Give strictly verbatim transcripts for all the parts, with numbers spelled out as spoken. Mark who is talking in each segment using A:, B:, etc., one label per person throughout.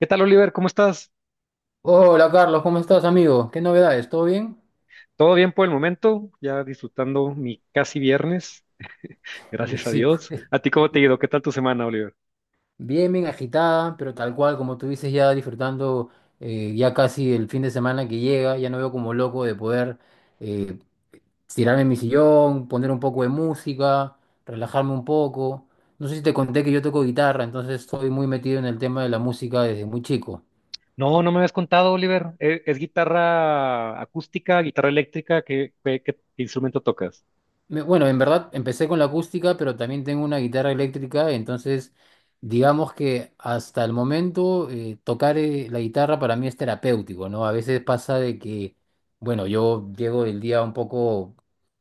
A: ¿Qué tal, Oliver? ¿Cómo estás?
B: Hola Carlos, ¿cómo estás, amigo? ¿Qué novedades? ¿Todo bien?
A: ¿Todo bien por el momento? Ya disfrutando mi casi viernes,
B: Y
A: gracias a
B: sí,
A: Dios.
B: pues
A: ¿A ti cómo te ha ido? ¿Qué tal tu semana, Oliver?
B: bien, bien agitada, pero tal cual, como tú dices, ya disfrutando eh, ya casi el fin de semana que llega, ya no veo como loco de poder eh, tirarme en mi sillón, poner un poco de música, relajarme un poco. No sé si te conté que yo toco guitarra, entonces estoy muy metido en el tema de la música desde muy chico.
A: No, no me habías contado, Oliver. ¿E- ¿Es, guitarra acústica, guitarra eléctrica? ¿Qué, qué- qué instrumento tocas?
B: Me- Bueno, en verdad empecé con la acústica, pero también tengo una guitarra eléctrica, entonces digamos que hasta el momento eh, tocar eh, la guitarra para mí es terapéutico, ¿no? A veces pasa de que, bueno, yo llego del día un poco,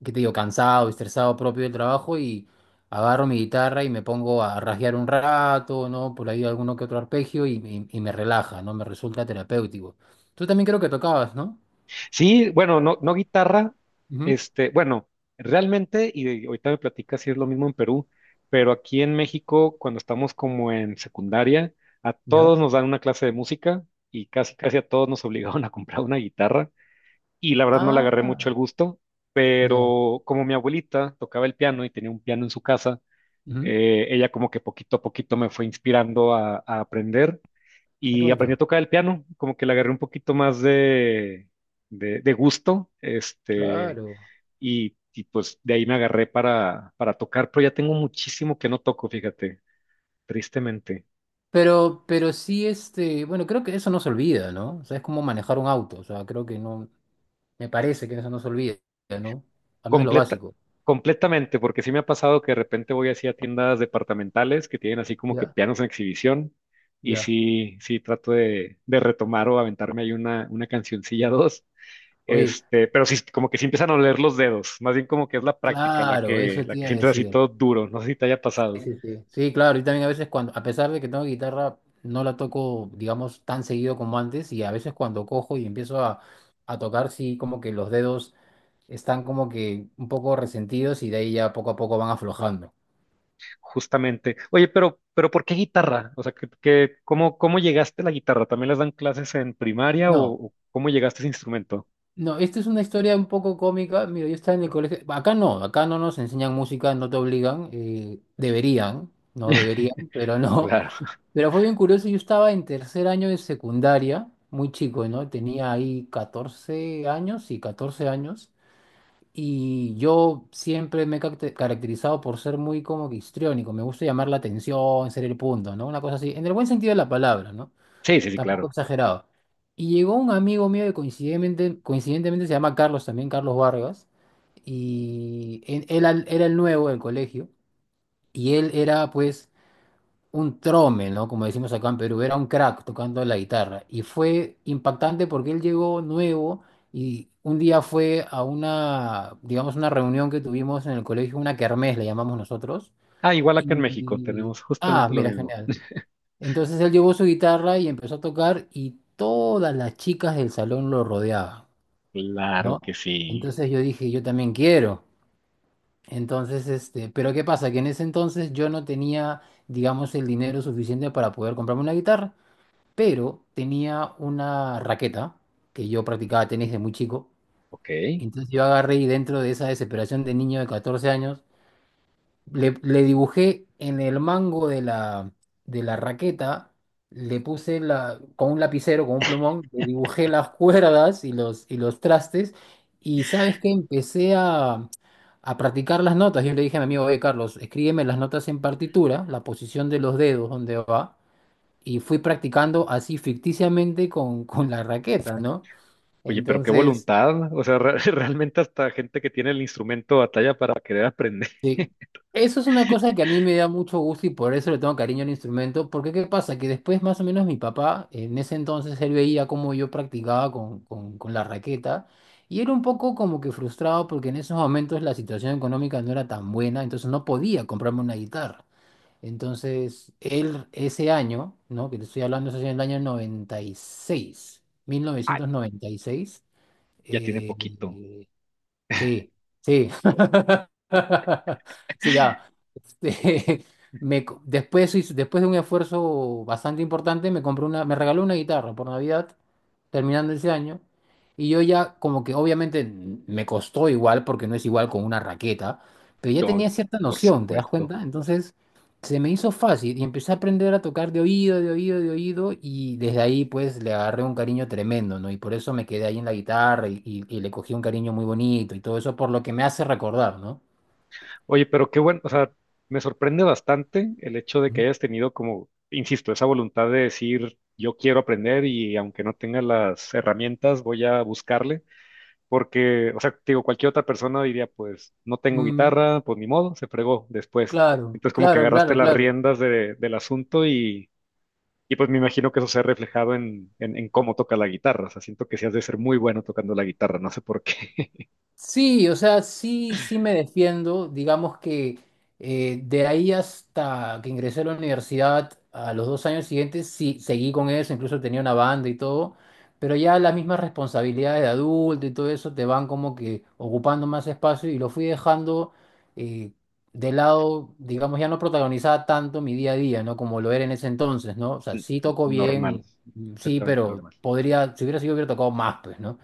B: ¿qué te digo?, cansado, estresado propio del trabajo y agarro mi guitarra y me pongo a rasguear un rato, ¿no? Por ahí alguno que otro arpegio y, y- y me relaja, ¿no? Me resulta terapéutico. Tú también creo que tocabas, ¿no?
A: Sí, bueno, no, no guitarra.
B: Ujú,
A: Este, bueno, realmente, y ahorita me platicas si es lo mismo en Perú, pero aquí en México, cuando estamos como en secundaria, a
B: ya.
A: todos nos dan una clase de música y casi, casi a todos nos obligaron a comprar una guitarra. Y la verdad no le
B: Ah,
A: agarré mucho el gusto,
B: ya.
A: pero como mi abuelita tocaba el piano y tenía un piano en su casa,
B: Ujú.
A: eh, ella como que poquito a poquito me fue inspirando a, a aprender
B: Ah, qué
A: y aprendí a
B: bonito.
A: tocar el piano, como que le agarré un poquito más de, de, de gusto, este,
B: Claro.
A: y, y pues de ahí me agarré para, para tocar, pero ya tengo muchísimo que no toco, fíjate, tristemente.
B: Pero, pero sí, este, bueno, creo que eso no se olvida, ¿no? O sea, es como manejar un auto. O sea, creo que no, me parece que eso no se olvida, ¿no? Al menos lo
A: Completa,
B: básico.
A: completamente, porque sí me ha pasado que de repente voy así a tiendas departamentales que tienen así como que
B: Ya,
A: pianos en exhibición y
B: ya.
A: sí, sí trato de, de retomar o aventarme ahí una, una cancioncilla dos,
B: Oye,
A: este, pero sí, como que sí empiezan a oler los dedos, más bien como que es la práctica la
B: claro,
A: que,
B: eso
A: la
B: te
A: que
B: iba a
A: sientes así
B: decir.
A: todo duro, no sé si te haya pasado,
B: Sí, sí. Sí, claro, y también a veces cuando, a pesar de que tengo guitarra, no la toco, digamos, tan seguido como antes, y a veces cuando cojo y empiezo a, a tocar, sí, como que los dedos están como que un poco resentidos y de ahí ya poco a poco van aflojando.
A: justamente. Oye, pero, pero ¿por qué guitarra? O sea, que, que- ¿cómo, cómo llegaste a la guitarra? ¿También les dan clases en primaria
B: No.
A: o o cómo llegaste a ese instrumento?
B: No, esta es una historia un poco cómica. Mira, yo estaba en el colegio. Acá no, acá no nos enseñan música, no te obligan. Eh, deberían, no deberían, pero no.
A: Claro.
B: Pero fue bien curioso. Yo estaba en tercer año de secundaria, muy chico, ¿no? Tenía ahí catorce años, y catorce años. Y yo siempre me he cacte- caracterizado por ser muy como que histriónico. Me gusta llamar la atención, ser el punto, ¿no? Una cosa así, en el buen sentido de la palabra, ¿no?
A: Sí, sí, sí,
B: Tampoco
A: claro.
B: exagerado. Y llegó un amigo mío que coincidentemente, coincidentemente se llama Carlos también, Carlos Vargas, y en- él, al- era el nuevo del colegio, y él era pues un trome, ¿no? Como decimos acá en Perú, era un crack tocando la guitarra. Y fue impactante porque él llegó nuevo y un día fue a una, digamos, una reunión que tuvimos en el colegio, una kermés le llamamos nosotros.
A: Ah, igual acá en México
B: Y,
A: tenemos
B: ah,
A: justamente lo
B: mira,
A: mismo.
B: genial. Entonces él llevó su guitarra y empezó a tocar y todas las chicas del salón lo rodeaban,
A: Claro que
B: ¿no?
A: sí.
B: Entonces yo dije, yo también quiero. Entonces, este, pero ¿qué pasa? Que en ese entonces yo no tenía, digamos, el dinero suficiente para poder comprarme una guitarra, pero tenía una raqueta que yo practicaba tenis de muy chico.
A: Ok.
B: Entonces yo agarré y dentro de esa desesperación de niño de catorce años, le, le dibujé en el mango de la, de la raqueta, le puse la, con un lapicero, con un plumón, le dibujé las cuerdas y los, y los trastes. Y sabes que empecé a, a practicar las notas. Yo le dije a mi amigo, oye, Carlos, escríbeme las notas en partitura, la posición de los dedos, donde va. Y fui practicando así ficticiamente con, con la raqueta, ¿no?
A: Oye, pero qué
B: Entonces,
A: voluntad. O sea, re- realmente hasta gente que tiene el instrumento batalla para querer aprender.
B: sí. Eso es una cosa que a mí me da mucho gusto y por eso le tengo cariño al instrumento, porque ¿qué pasa? Que después más o menos mi papá, en ese entonces, él veía cómo yo practicaba con, con, con la raqueta y era un poco como que frustrado porque en esos momentos la situación económica no era tan buena, entonces no podía comprarme una guitarra. Entonces, él ese año, ¿no? Que te estoy hablando, eso es en el año noventa y seis,
A: Ah,
B: mil novecientos noventa y seis,
A: ya tiene poquito.
B: eh, sí, sí. Sí, ya. Me co- después, hice- después de un esfuerzo bastante importante, me compré una, me regaló una guitarra por Navidad, terminando ese año, y yo ya como que obviamente n- me costó igual, porque no es igual con una raqueta, pero ya
A: Yo,
B: tenía cierta
A: por
B: noción, ¿te das
A: supuesto.
B: cuenta? Entonces se me hizo fácil y empecé a aprender a tocar de oído, de oído, de oído, y desde ahí pues le agarré un cariño tremendo, ¿no? Y por eso me quedé ahí en la guitarra y, y- y le cogí un cariño muy bonito y todo eso por lo que me hace recordar, ¿no?
A: Oye, pero qué bueno. O sea, me sorprende bastante el hecho de que hayas tenido como, insisto, esa voluntad de decir, yo quiero aprender y aunque no tenga las herramientas, voy a buscarle. Porque, o sea, te digo, cualquier otra persona diría, pues, no tengo
B: Mm.
A: guitarra, pues ni modo, se fregó después.
B: Claro,
A: Entonces, como que
B: claro,
A: agarraste
B: claro,
A: las
B: claro.
A: riendas de- del asunto y, y, pues me imagino que eso se ha reflejado en, en, en cómo toca la guitarra. O sea, siento que sí has de ser muy bueno tocando la guitarra, no sé por qué.
B: Sí, o sea, sí, sí me defiendo. Digamos que eh, de ahí hasta que ingresé a la universidad, a los dos años siguientes, sí, seguí con eso, incluso tenía una banda y todo, pero ya las mismas responsabilidades de adulto y todo eso te van como que ocupando más espacio y lo fui dejando eh, de lado, digamos, ya no protagonizaba tanto mi día a día, ¿no? Como lo era en ese entonces, ¿no? O sea, sí toco
A: Normal,
B: bien, sí,
A: completamente
B: pero
A: normal.
B: podría, si hubiera sido, hubiera tocado más, pues, ¿no?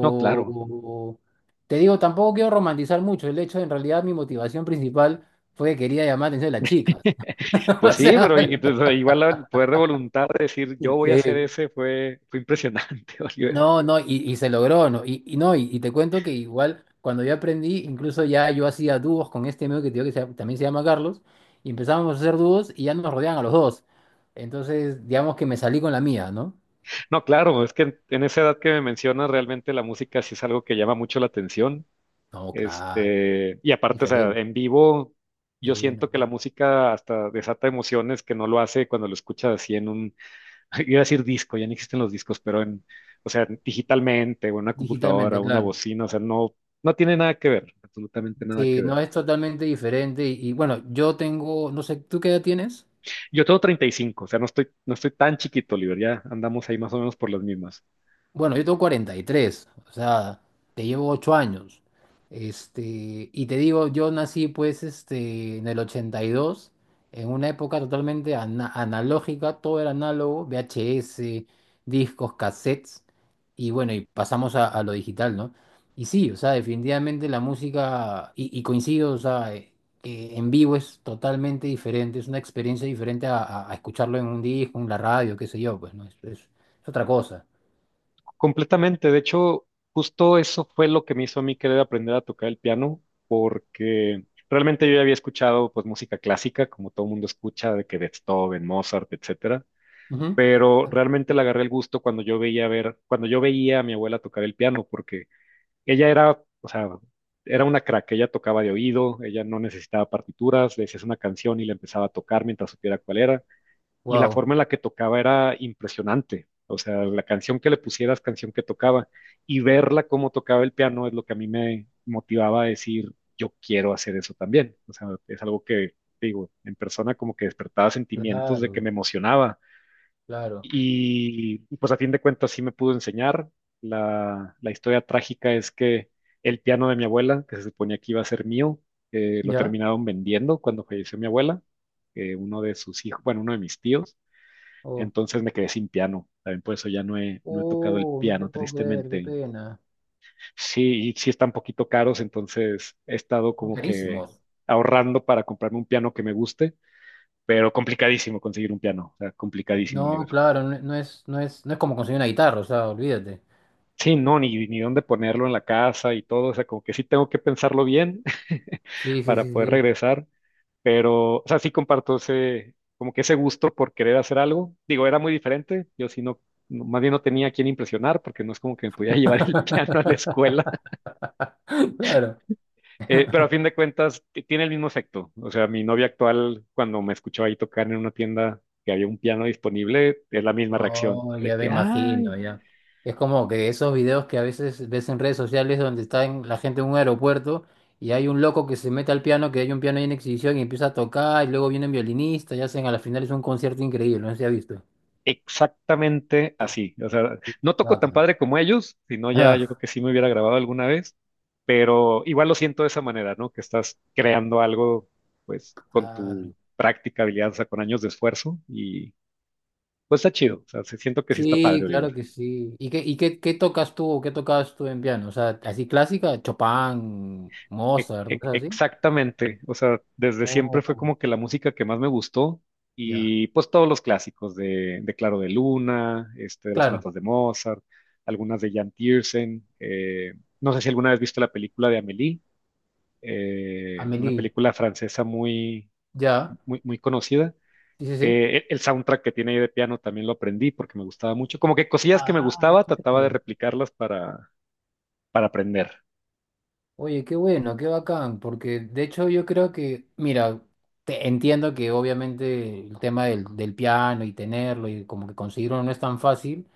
A: No, claro.
B: te digo, tampoco quiero romantizar mucho el hecho en realidad mi motivación principal fue que quería llamar la atención de las chicas.
A: Pues
B: O
A: sí,
B: sea,
A: pero y- y, pues, igual el poder de voluntad de decir yo voy a hacer
B: sí.
A: ese fue, fue impresionante, Oliver.
B: No, no, y, y se logró, ¿no? Y, y no, y, y te cuento que igual cuando yo aprendí, incluso ya yo hacía dúos con este amigo que te digo que se llama- también se llama Carlos, y empezábamos a hacer dúos y ya nos rodeaban a los dos. Entonces, digamos que me salí con la mía, ¿no?
A: No, claro, es que en en esa edad que me mencionas, realmente la música sí es algo que llama mucho la atención.
B: No, claro,
A: Este, y aparte, o sea,
B: diferente.
A: en vivo, yo
B: Sí,
A: siento
B: no.
A: que la música hasta desata emociones que no lo hace cuando lo escuchas así en un, iba a decir disco, ya no existen los discos, pero en, o sea, digitalmente, o en una
B: Digitalmente,
A: computadora, una
B: claro.
A: bocina, o sea, no, no tiene nada que ver, absolutamente nada
B: Sí,
A: que ver.
B: no es totalmente diferente. Y, y bueno, yo tengo, no sé, ¿tú qué edad tienes?
A: Yo tengo treinta y cinco, o sea, no estoy, no estoy tan chiquito, Oliver, ya andamos ahí más o menos por las mismas.
B: Bueno, yo tengo cuarenta y tres, o sea, te llevo ocho años. Este, y te digo, yo nací pues este, en el ochenta y dos en una época totalmente ana- analógica, todo era análogo, V H S, discos, cassettes, y bueno, y pasamos a, a lo digital, ¿no? Y sí, o sea, definitivamente la música, y, y coincido, o sea, eh, que en vivo es totalmente diferente, es una experiencia diferente a, a- a- escucharlo en un disco, en la radio, qué sé yo, pues, ¿no? Es es- es otra cosa.
A: Completamente. De hecho, justo eso fue lo que me hizo a mí querer aprender a tocar el piano, porque realmente yo ya había escuchado pues música clásica, como todo mundo escucha, de que Beethoven, Mozart, etcétera. Pero realmente le agarré el gusto cuando yo veía ver, cuando yo veía a mi abuela tocar el piano, porque ella era, o sea, era una crack, ella tocaba de oído, ella no necesitaba partituras, le decías una canción y la empezaba a tocar mientras supiera cuál era y la
B: Wow,
A: forma en la que tocaba era impresionante. O sea, la canción que le pusieras, canción que tocaba, y verla cómo tocaba el piano es lo que a mí me motivaba a decir, yo quiero hacer eso también. O sea, es algo que, te digo, en persona como que despertaba sentimientos de que
B: claro,
A: me emocionaba.
B: claro.
A: Y y, pues a fin de cuentas sí me pudo enseñar. La, la historia trágica es que el piano de mi abuela, que se suponía que iba a ser mío, eh, lo
B: ¿Ya?
A: terminaron vendiendo cuando falleció mi abuela, eh, uno de sus hijos, bueno, uno de mis tíos,
B: Oh,
A: entonces me quedé sin piano. También por eso ya no he, no he tocado el
B: oh, no te
A: piano,
B: puedo creer, qué
A: tristemente.
B: pena.
A: Sí, y sí están poquito caros, entonces he estado como que
B: Carísimos.
A: ahorrando para comprarme un piano que me guste, pero complicadísimo conseguir un piano, o sea, complicadísimo, Oliver.
B: No, claro, no, no es, no es, no es como conseguir una guitarra, o sea, olvídate.
A: Sí, no, ni, ni dónde ponerlo en la casa y todo, o sea, como que sí tengo que pensarlo bien
B: Sí, sí,
A: para
B: sí,
A: poder
B: sí.
A: regresar. Pero, o sea, sí comparto ese, como que ese gusto por querer hacer algo. Digo, era muy diferente. Yo sí no, no- más bien no tenía a quién impresionar porque no es como que me podía llevar el piano a la escuela.
B: Claro.
A: Eh, pero a fin de cuentas, t- tiene el mismo efecto. O sea, mi novia actual, cuando me escuchó ahí tocar en una tienda que había un piano disponible, es la misma reacción
B: Oh,
A: de
B: ya me
A: que, ay.
B: imagino, ya. Es como que esos videos que a veces ves en redes sociales donde está en- la gente en un aeropuerto y hay un loco que se mete al piano, que hay un piano ahí en exhibición y empieza a tocar y luego vienen violinistas y hacen a la final es un concierto increíble, no sé si has visto.
A: Exactamente
B: Qué,
A: así. O sea,
B: qué-
A: no
B: qué
A: toco tan
B: bacán.
A: padre como ellos, sino ya yo creo que sí me hubiera grabado alguna vez, pero igual lo siento de esa manera, ¿no? Que estás creando algo, pues, con tu
B: Claro.
A: práctica, habilidad, o sea, con años de esfuerzo y pues está chido. O sea, sí siento que sí está
B: Sí,
A: padre, Oliver.
B: claro que sí. ¿Y qué, y qué, qué tocas tú, qué tocabas tú en piano? O sea, así clásica, Chopin,
A: E-
B: Mozart,
A: e-
B: cosas así.
A: Exactamente, o sea, desde siempre fue
B: Oh,
A: como que la música que más me gustó
B: ya.
A: y pues todos los clásicos de, de Claro de Luna, este, de las
B: Claro,
A: sonatas de Mozart, algunas de Jan Tiersen, eh, no sé si alguna vez viste la película de Amélie, eh, una
B: Amélie,
A: película francesa muy,
B: ya.
A: muy, muy conocida.
B: Sí, sí, sí.
A: Eh, e- el soundtrack que tiene ahí de piano también lo aprendí porque me gustaba mucho, como que cosillas que me
B: Ah,
A: gustaba
B: qué
A: trataba de
B: rico.
A: replicarlas para, para aprender.
B: Oye, qué bueno, qué bacán, porque de hecho yo creo que, mira, te- entiendo que obviamente el tema del, del piano y tenerlo y como que conseguirlo no es tan fácil,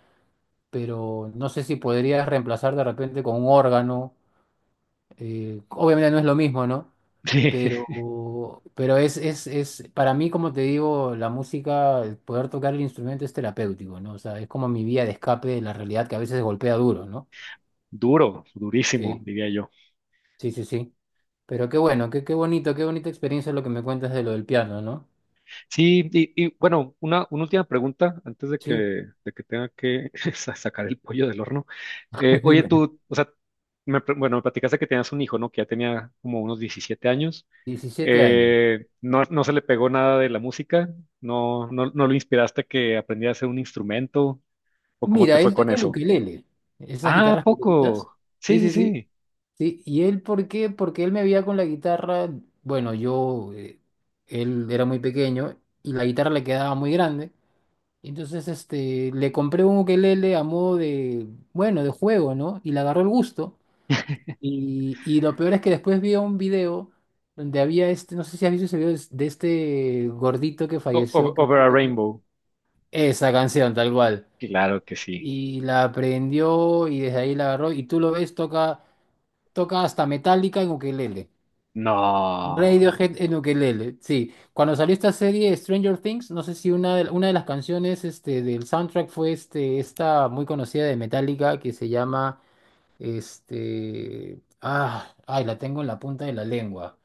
B: pero no sé si podrías reemplazar de repente con un órgano, eh, obviamente no es lo mismo, ¿no?
A: Sí,
B: Pero, pero es, es, es, para mí, como te digo, la música, el poder tocar el instrumento es terapéutico, ¿no? O sea, es como mi vía de escape de la realidad que a veces golpea duro, ¿no?
A: duro, durísimo,
B: Sí,
A: diría yo.
B: sí, sí, sí. Pero qué bueno, qué, qué bonito, qué bonita experiencia lo que me cuentas de lo del piano, ¿no?
A: Sí, y, y, bueno, una, una última pregunta antes de que,
B: Sí,
A: de que tenga que sa- sacar el pollo del horno. Eh, oye,
B: dime.
A: tú, o sea, me, pl- bueno, me platicaste que tenías un hijo, ¿no? Que ya tenía como unos diecisiete años.
B: Diecisiete años.
A: Eh, no, no se le pegó nada de la música, no, no, no lo inspiraste a que aprendiera a hacer un instrumento, o cómo te
B: Mira,
A: fue
B: él
A: con
B: toca el
A: eso.
B: ukelele, esas
A: Ah,
B: guitarras pequeñitas.
A: poco. Sí,
B: Sí,
A: sí,
B: sí, sí.
A: sí.
B: Sí, ¿y él por qué? Porque él me veía con la guitarra, bueno, yo, eh, él era muy pequeño y la guitarra le quedaba muy grande. Entonces, este, le compré un ukelele a modo de, bueno, de juego, ¿no? Y le agarró el gusto. Y, y lo peor es que después vi un video donde había este, no sé si has visto ese video es- de este gordito que
A: O-
B: falleció,
A: o-
B: que
A: Over a
B: creo que...
A: Rainbow.
B: Esa canción, tal cual.
A: Claro que sí.
B: Y la aprendió y desde ahí la agarró. Y tú lo ves, toca, toca hasta Metallica en ukelele.
A: No.
B: Radiohead en ukelele, sí. Cuando salió esta serie Stranger Things, no sé si una de, una de las canciones este, del soundtrack fue este, esta muy conocida de Metallica que se llama... Este... Ah, ay, la tengo en la punta de la lengua.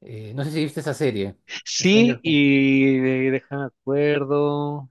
B: Eh, no sé si viste esa serie,
A: Sí,
B: Stranger Things.
A: y de- deja de acuerdo.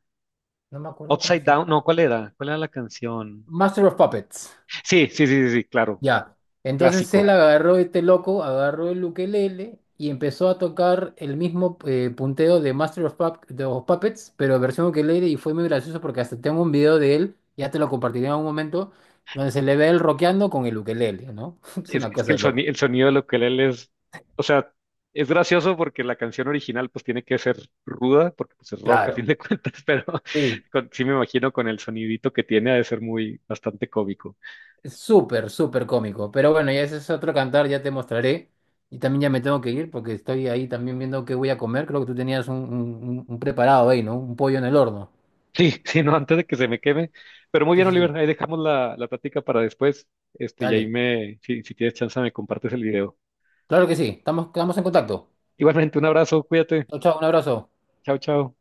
B: No me acuerdo cómo
A: Upside
B: se
A: Down,
B: llama.
A: no, ¿cuál era? ¿Cuál era la canción?
B: Master of Puppets.
A: Sí, sí, sí, sí, sí, claro,
B: Ya. Entonces él
A: clásico.
B: agarró este loco, agarró el ukelele y empezó a tocar el mismo eh, punteo de Master of, Pup- de los Puppets, pero versión ukelele y fue muy gracioso porque hasta tengo un video de él, ya te lo compartiré en algún momento, donde se le ve él rockeando con el ukelele, ¿no? Es
A: Es,
B: una
A: es que
B: cosa
A: el
B: de loco.
A: sonido, el sonido de lo que él es, o sea, es gracioso porque la canción original pues tiene que ser ruda, porque pues es rock a fin
B: Claro.
A: de cuentas, pero
B: Sí.
A: con- sí me imagino con el sonidito que tiene ha de ser muy, bastante cómico.
B: Es súper, súper cómico. Pero bueno, ya ese es otro cantar, ya te mostraré. Y también ya me tengo que ir porque estoy ahí también viendo qué voy a comer. Creo que tú tenías un, un- un- un preparado ahí, ¿no? Un pollo en el horno.
A: Sí, sí, no, antes de que se me queme. Pero muy
B: Sí,
A: bien,
B: sí,
A: Oliver,
B: sí.
A: ahí dejamos la, la plática para después, este, y ahí
B: Dale.
A: me, si, si tienes chance me compartes el video.
B: Claro que sí. Estamos, quedamos en contacto.
A: Igualmente, un abrazo, cuídate,
B: Chao, chao, un abrazo.
A: chao, chao.